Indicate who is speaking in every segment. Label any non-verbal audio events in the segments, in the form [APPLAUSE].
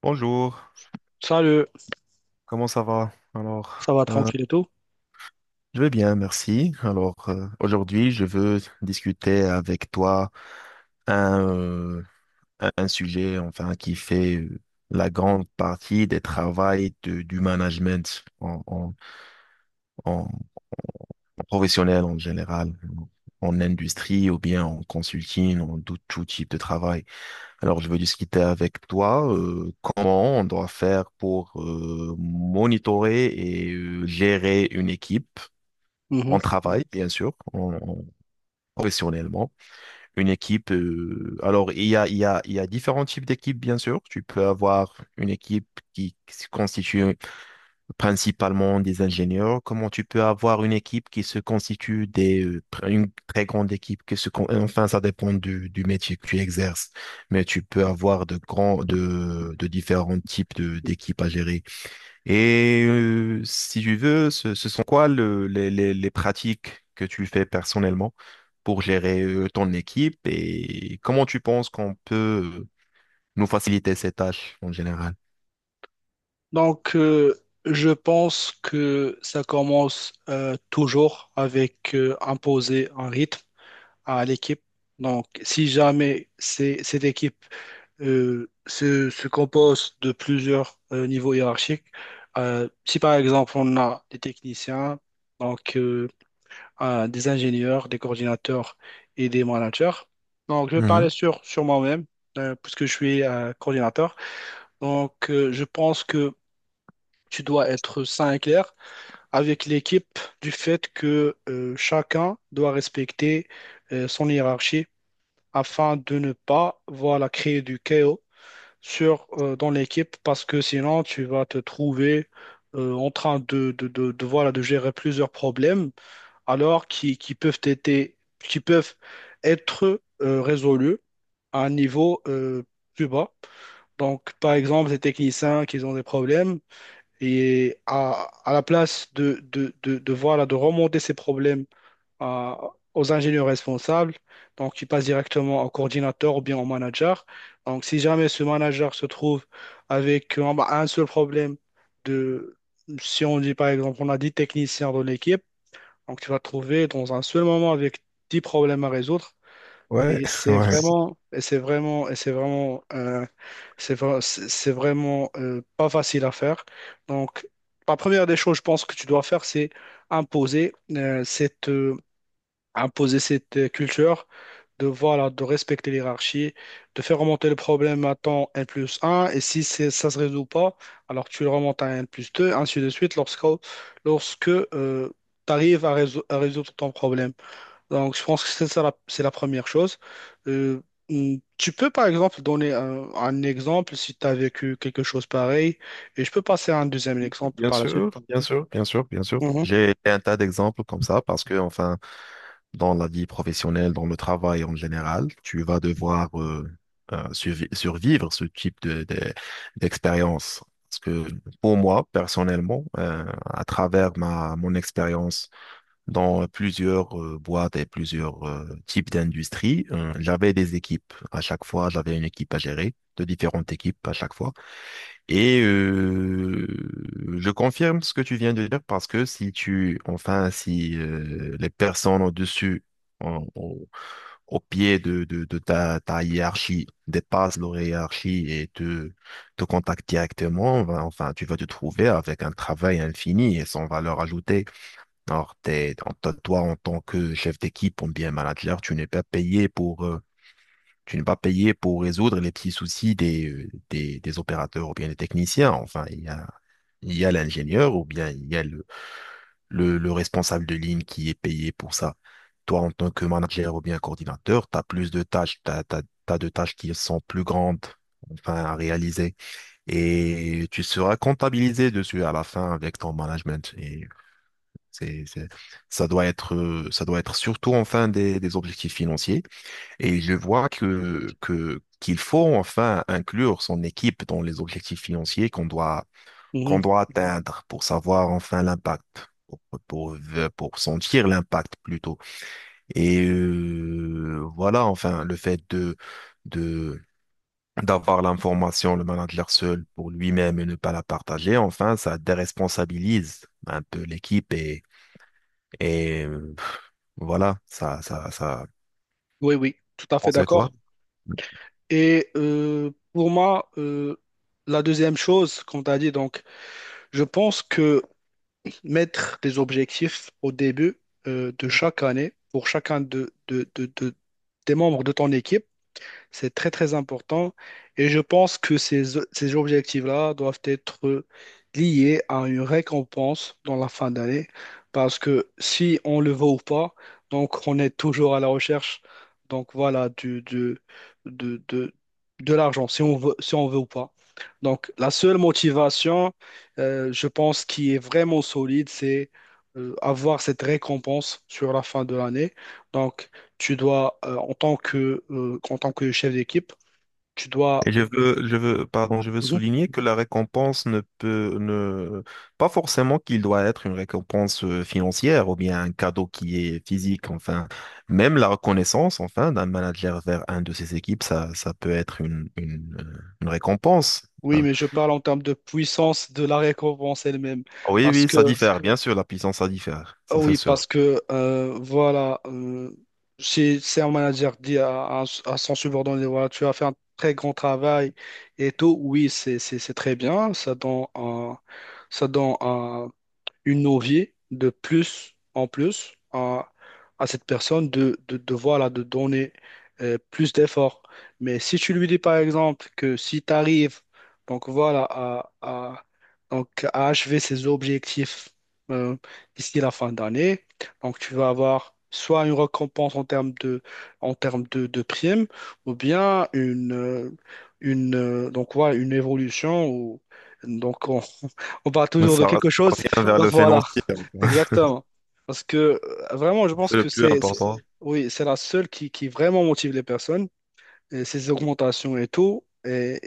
Speaker 1: Bonjour,
Speaker 2: Salut,
Speaker 1: comment ça va? Alors,
Speaker 2: ça va tranquille et tout?
Speaker 1: je vais bien, merci. Alors, aujourd'hui, je veux discuter avec toi un, euh, un sujet, enfin, qui fait la grande partie des travails du management en professionnel en général, en industrie ou bien en consulting, en tout type de travail. Alors, je veux discuter avec toi comment on doit faire pour monitorer et gérer une équipe
Speaker 2: Mhm.
Speaker 1: en travail, bien sûr, professionnellement. Une équipe, alors il y a différents types d'équipes, bien sûr. Tu peux avoir une équipe qui se constitue principalement des ingénieurs, comment tu peux avoir une équipe qui se constitue des, une très grande équipe qui enfin, ça dépend du métier que tu exerces, mais tu peux avoir de de différents types d'équipes à gérer. Et si tu veux, ce sont quoi les pratiques que tu fais personnellement pour gérer ton équipe et comment tu penses qu'on peut nous faciliter ces tâches en général?
Speaker 2: Donc, euh, je pense que ça commence toujours avec imposer un rythme à l'équipe. Donc, si jamais cette équipe se compose de plusieurs niveaux hiérarchiques, si par exemple on a des techniciens, donc euh, des ingénieurs, des coordinateurs et des managers. Donc, je vais parler
Speaker 1: Mhm.
Speaker 2: sur moi-même, puisque je suis coordinateur. Je pense que tu dois être sain et clair avec l'équipe du fait que chacun doit respecter son hiérarchie afin de ne pas, voilà, créer du chaos dans l'équipe parce que sinon, tu vas te trouver en train de, voilà, de gérer plusieurs problèmes alors qui peuvent être résolus à un niveau plus bas. Donc, par exemple, les techniciens qui ont des problèmes, et à la place de, voilà, de remonter ces problèmes à- aux ingénieurs responsables, donc qui passent directement au coordinateur ou bien au manager. Donc si jamais ce manager se trouve avec bah, un seul problème de, si on dit par exemple, on a 10 techniciens dans l'équipe, donc tu vas te trouver dans un seul moment avec 10 problèmes à résoudre.
Speaker 1: Ouais,
Speaker 2: Et
Speaker 1: [LAUGHS] ouais.
Speaker 2: c'est vraiment, c'est vraiment pas facile à faire. Donc, la première des choses, je pense que tu dois faire, c'est imposer imposer cette culture de voilà, de respecter l'hierarchie, de faire remonter le problème à temps N plus 1, et si ça se résout pas, alors tu le remontes à N plus 2, ainsi de suite, lorsque tu arrives à à résoudre ton problème. Donc, je pense que c'est la première chose. Euh, Tu peux, par exemple, donner un exemple si tu as vécu quelque chose pareil, et je peux passer à un deuxième exemple
Speaker 1: Bien
Speaker 2: par la suite.
Speaker 1: sûr, bien sûr, bien sûr, bien sûr.
Speaker 2: Mhm,
Speaker 1: J'ai un tas d'exemples comme ça parce que, enfin, dans la vie professionnelle, dans le travail en général, tu vas devoir survivre ce type d'expérience. Parce que pour moi, personnellement, à travers mon expérience dans plusieurs boîtes et plusieurs types d'industries, j'avais des équipes. À chaque fois, j'avais une équipe à gérer, de différentes équipes à chaque fois. Et je confirme ce que tu viens de dire parce que si tu, enfin, si les personnes au-dessus, en- au, au pied de ta hiérarchie, dépassent leur hiérarchie et te contactent directement, ben, enfin, tu vas te trouver avec un travail infini et sans valeur ajoutée. Alors, toi, en tant que chef d'équipe ou bien manager, tu n'es pas payé pour résoudre les petits soucis des, des opérateurs ou bien des techniciens. Enfin, il y a l'ingénieur ou bien il y a le responsable de ligne qui est payé pour ça. Toi, en tant que manager ou bien coordinateur, tu as plus de tâches, tu as, t'as, t'as t'as de tâches qui sont plus grandes, enfin, à réaliser. Et tu seras comptabilisé dessus à la fin avec ton management. Et c'est, c'est, ça doit être surtout, enfin, des objectifs financiers et je vois qu'il faut enfin inclure son équipe dans les objectifs financiers qu'on
Speaker 2: mhm.
Speaker 1: doit atteindre pour savoir enfin l'impact, pour, pour sentir l'impact plutôt. Et voilà, enfin, le fait de, d'avoir l'information, le manager seul pour lui-même et ne pas la partager, enfin, ça déresponsabilise un peu l'équipe et, et euh, voilà, ça.
Speaker 2: Oui, oui, tout à fait
Speaker 1: On sait quoi?
Speaker 2: d'accord. Et pour moi, la deuxième chose, qu'on t'a dit, donc, je pense que mettre des objectifs au début de chaque année, pour chacun des membres de ton équipe, c'est très très important et je pense que ces objectifs-là doivent être liés à une récompense dans la fin d'année parce que si on le veut ou pas, donc on est toujours à la recherche donc voilà de, de, de l'argent si on veut, si on veut ou pas. Donc la seule motivation, je pense, qui est vraiment solide, c'est avoir cette récompense sur la fin de l'année. Donc tu dois, en tant que chef d'équipe, tu
Speaker 1: Et
Speaker 2: dois.
Speaker 1: pardon, je veux
Speaker 2: Mhm.
Speaker 1: souligner que la récompense ne peut, ne, pas forcément qu'il doit être une récompense financière ou bien un cadeau qui est physique, enfin, même la reconnaissance, enfin, d'un manager vers un de ses équipes, ça peut être une récompense.
Speaker 2: Oui,
Speaker 1: Enfin,
Speaker 2: mais je parle en termes de puissance de la récompense elle-même.
Speaker 1: oui,
Speaker 2: Parce
Speaker 1: oui, ça
Speaker 2: que,
Speaker 1: diffère, bien sûr, la puissance, ça diffère,
Speaker 2: ah
Speaker 1: ça c'est
Speaker 2: oui,
Speaker 1: sûr.
Speaker 2: parce que, voilà, si un manager dit à son subordonné, voilà, tu as fait un très grand travail et tout, oui, c'est très bien, ça donne un, une envie de plus en plus à cette personne voilà, de donner plus d'efforts. Mais si tu lui dis par exemple que si tu arrives donc donc, à achever ses objectifs euh, d'ici la fin d'année, donc tu vas avoir soit une récompense en termes de primes ou bien une, donc, voilà, une évolution ou donc on, [LAUGHS] on parle
Speaker 1: Mais
Speaker 2: toujours de
Speaker 1: ça va
Speaker 2: quelque chose
Speaker 1: [LAUGHS] bien vers
Speaker 2: donc
Speaker 1: le
Speaker 2: voilà,
Speaker 1: financier, en
Speaker 2: [LAUGHS]
Speaker 1: fait. [LAUGHS]
Speaker 2: exactement. Parce que vraiment, je pense
Speaker 1: C'est le
Speaker 2: que
Speaker 1: plus
Speaker 2: c'est-
Speaker 1: important.
Speaker 2: oui, c'est la seule qui vraiment motive les personnes, et ces augmentations et tout. Et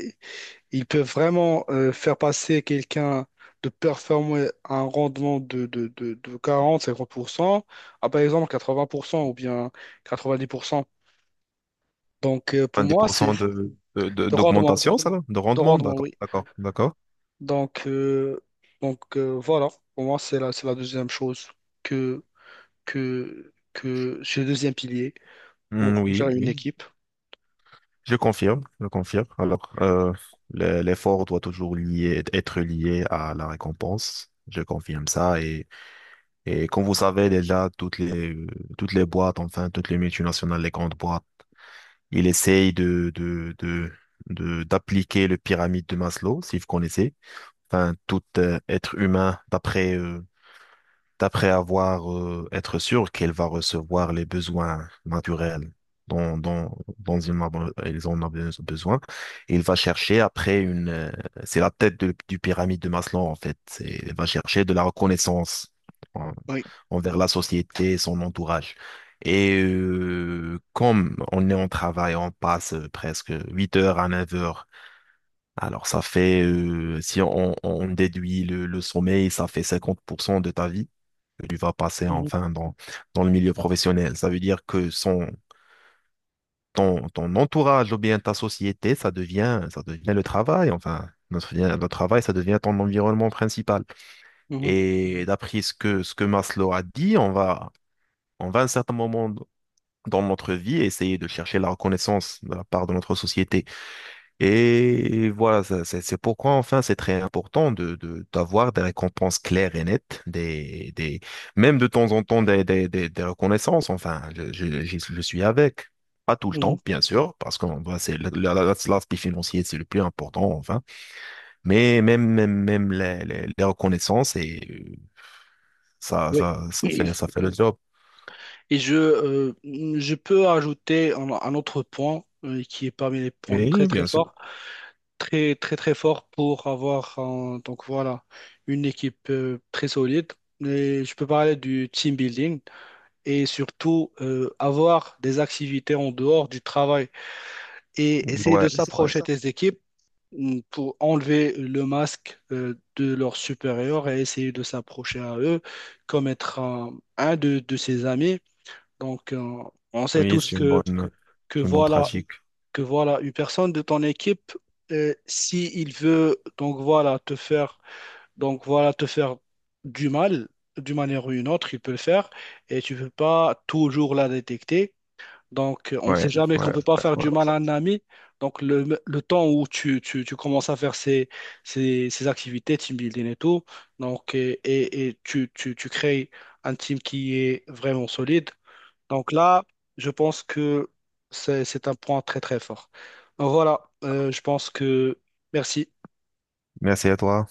Speaker 2: ils peuvent vraiment faire passer quelqu'un de performer à un rendement de quarante pour cent à par exemple quatre-vingt pour cent ou bien 90%. Donc pour moi, c'est
Speaker 1: 20%
Speaker 2: de rendement,
Speaker 1: d'augmentation, ça, là, de
Speaker 2: de
Speaker 1: rendement,
Speaker 2: rendement,
Speaker 1: d'accord,
Speaker 2: oui.
Speaker 1: d'accord, d'accord.
Speaker 2: Donc, euh, voilà, pour moi, c'est la deuxième chose que que ce deuxième pilier pour
Speaker 1: Hmm, oui,
Speaker 2: gérer une
Speaker 1: oui,
Speaker 2: équipe.
Speaker 1: je confirme, je confirme. Alors, l'effort doit être lié à la récompense, je confirme ça. Et comme vous savez déjà, toutes les boîtes, enfin, toutes les multinationales, les grandes boîtes, il essaye d'appliquer le pyramide de Maslow, si vous connaissez. Enfin, tout être humain, d'après après avoir être sûr qu'elle va recevoir les besoins naturels dont, dont, dont ils en ont besoin. Et il va chercher après une... c'est la tête du pyramide de Maslow, en fait. C'est, il va chercher de la reconnaissance en-
Speaker 2: Oui.
Speaker 1: envers la société et son entourage. Et comme on est en travail, on passe presque 8 heures à 9 heures. Alors ça fait, si on déduit le sommeil, ça fait 50% de ta vie que tu vas passer
Speaker 2: Mhm,
Speaker 1: enfin dans, dans le milieu professionnel. Ça veut dire que son, ton entourage ou bien ta société, ça devient le travail, enfin. Notre travail, ça devient ton environnement principal.
Speaker 2: mhm,
Speaker 1: Et d'après ce que Maslow a dit, on va à un certain moment dans notre vie essayer de chercher la reconnaissance de la part de notre société. Et voilà, c'est pourquoi enfin c'est très important d'avoir des récompenses claires et nettes, même de temps en temps des reconnaissances. Enfin, je suis avec. Pas tout le
Speaker 2: mhm.
Speaker 1: temps, bien sûr, parce que bah, c'est l'aspect financier, c'est le plus important, enfin. Mais même les reconnaissances, et
Speaker 2: Oui.
Speaker 1: ça fait le job.
Speaker 2: Et je peux ajouter un autre point qui est parmi les points très
Speaker 1: Oui,
Speaker 2: très
Speaker 1: bien sûr.
Speaker 2: forts, très très très fort pour avoir donc voilà une équipe très solide. Et je peux parler du team building, et surtout avoir des activités en dehors du travail et essayer
Speaker 1: Ouais,
Speaker 2: de
Speaker 1: ouais.
Speaker 2: s'approcher des équipes mm, pour enlever le masque de leurs supérieurs et essayer de s'approcher à eux comme être un de ses amis. Donc, on sait
Speaker 1: Oui,
Speaker 2: tous que
Speaker 1: c'est une bonne
Speaker 2: voilà,
Speaker 1: pratique.
Speaker 2: que voilà une personne de ton équipe, si il veut donc voilà te faire du mal d'une manière ou une autre, il peut le faire et tu ne peux pas toujours la détecter. Donc, on ne
Speaker 1: Ouais,
Speaker 2: sait
Speaker 1: ouais,
Speaker 2: jamais qu'on ne
Speaker 1: ouais,
Speaker 2: peut pas faire
Speaker 1: ouais.
Speaker 2: du mal à un ami. Donc, le temps où tu commences à faire ces activités, team building et tout, donc, et tu crées un team qui est vraiment solide. Donc là, je pense que c'est un point très, très fort. Donc voilà, je pense que merci.
Speaker 1: Merci à toi.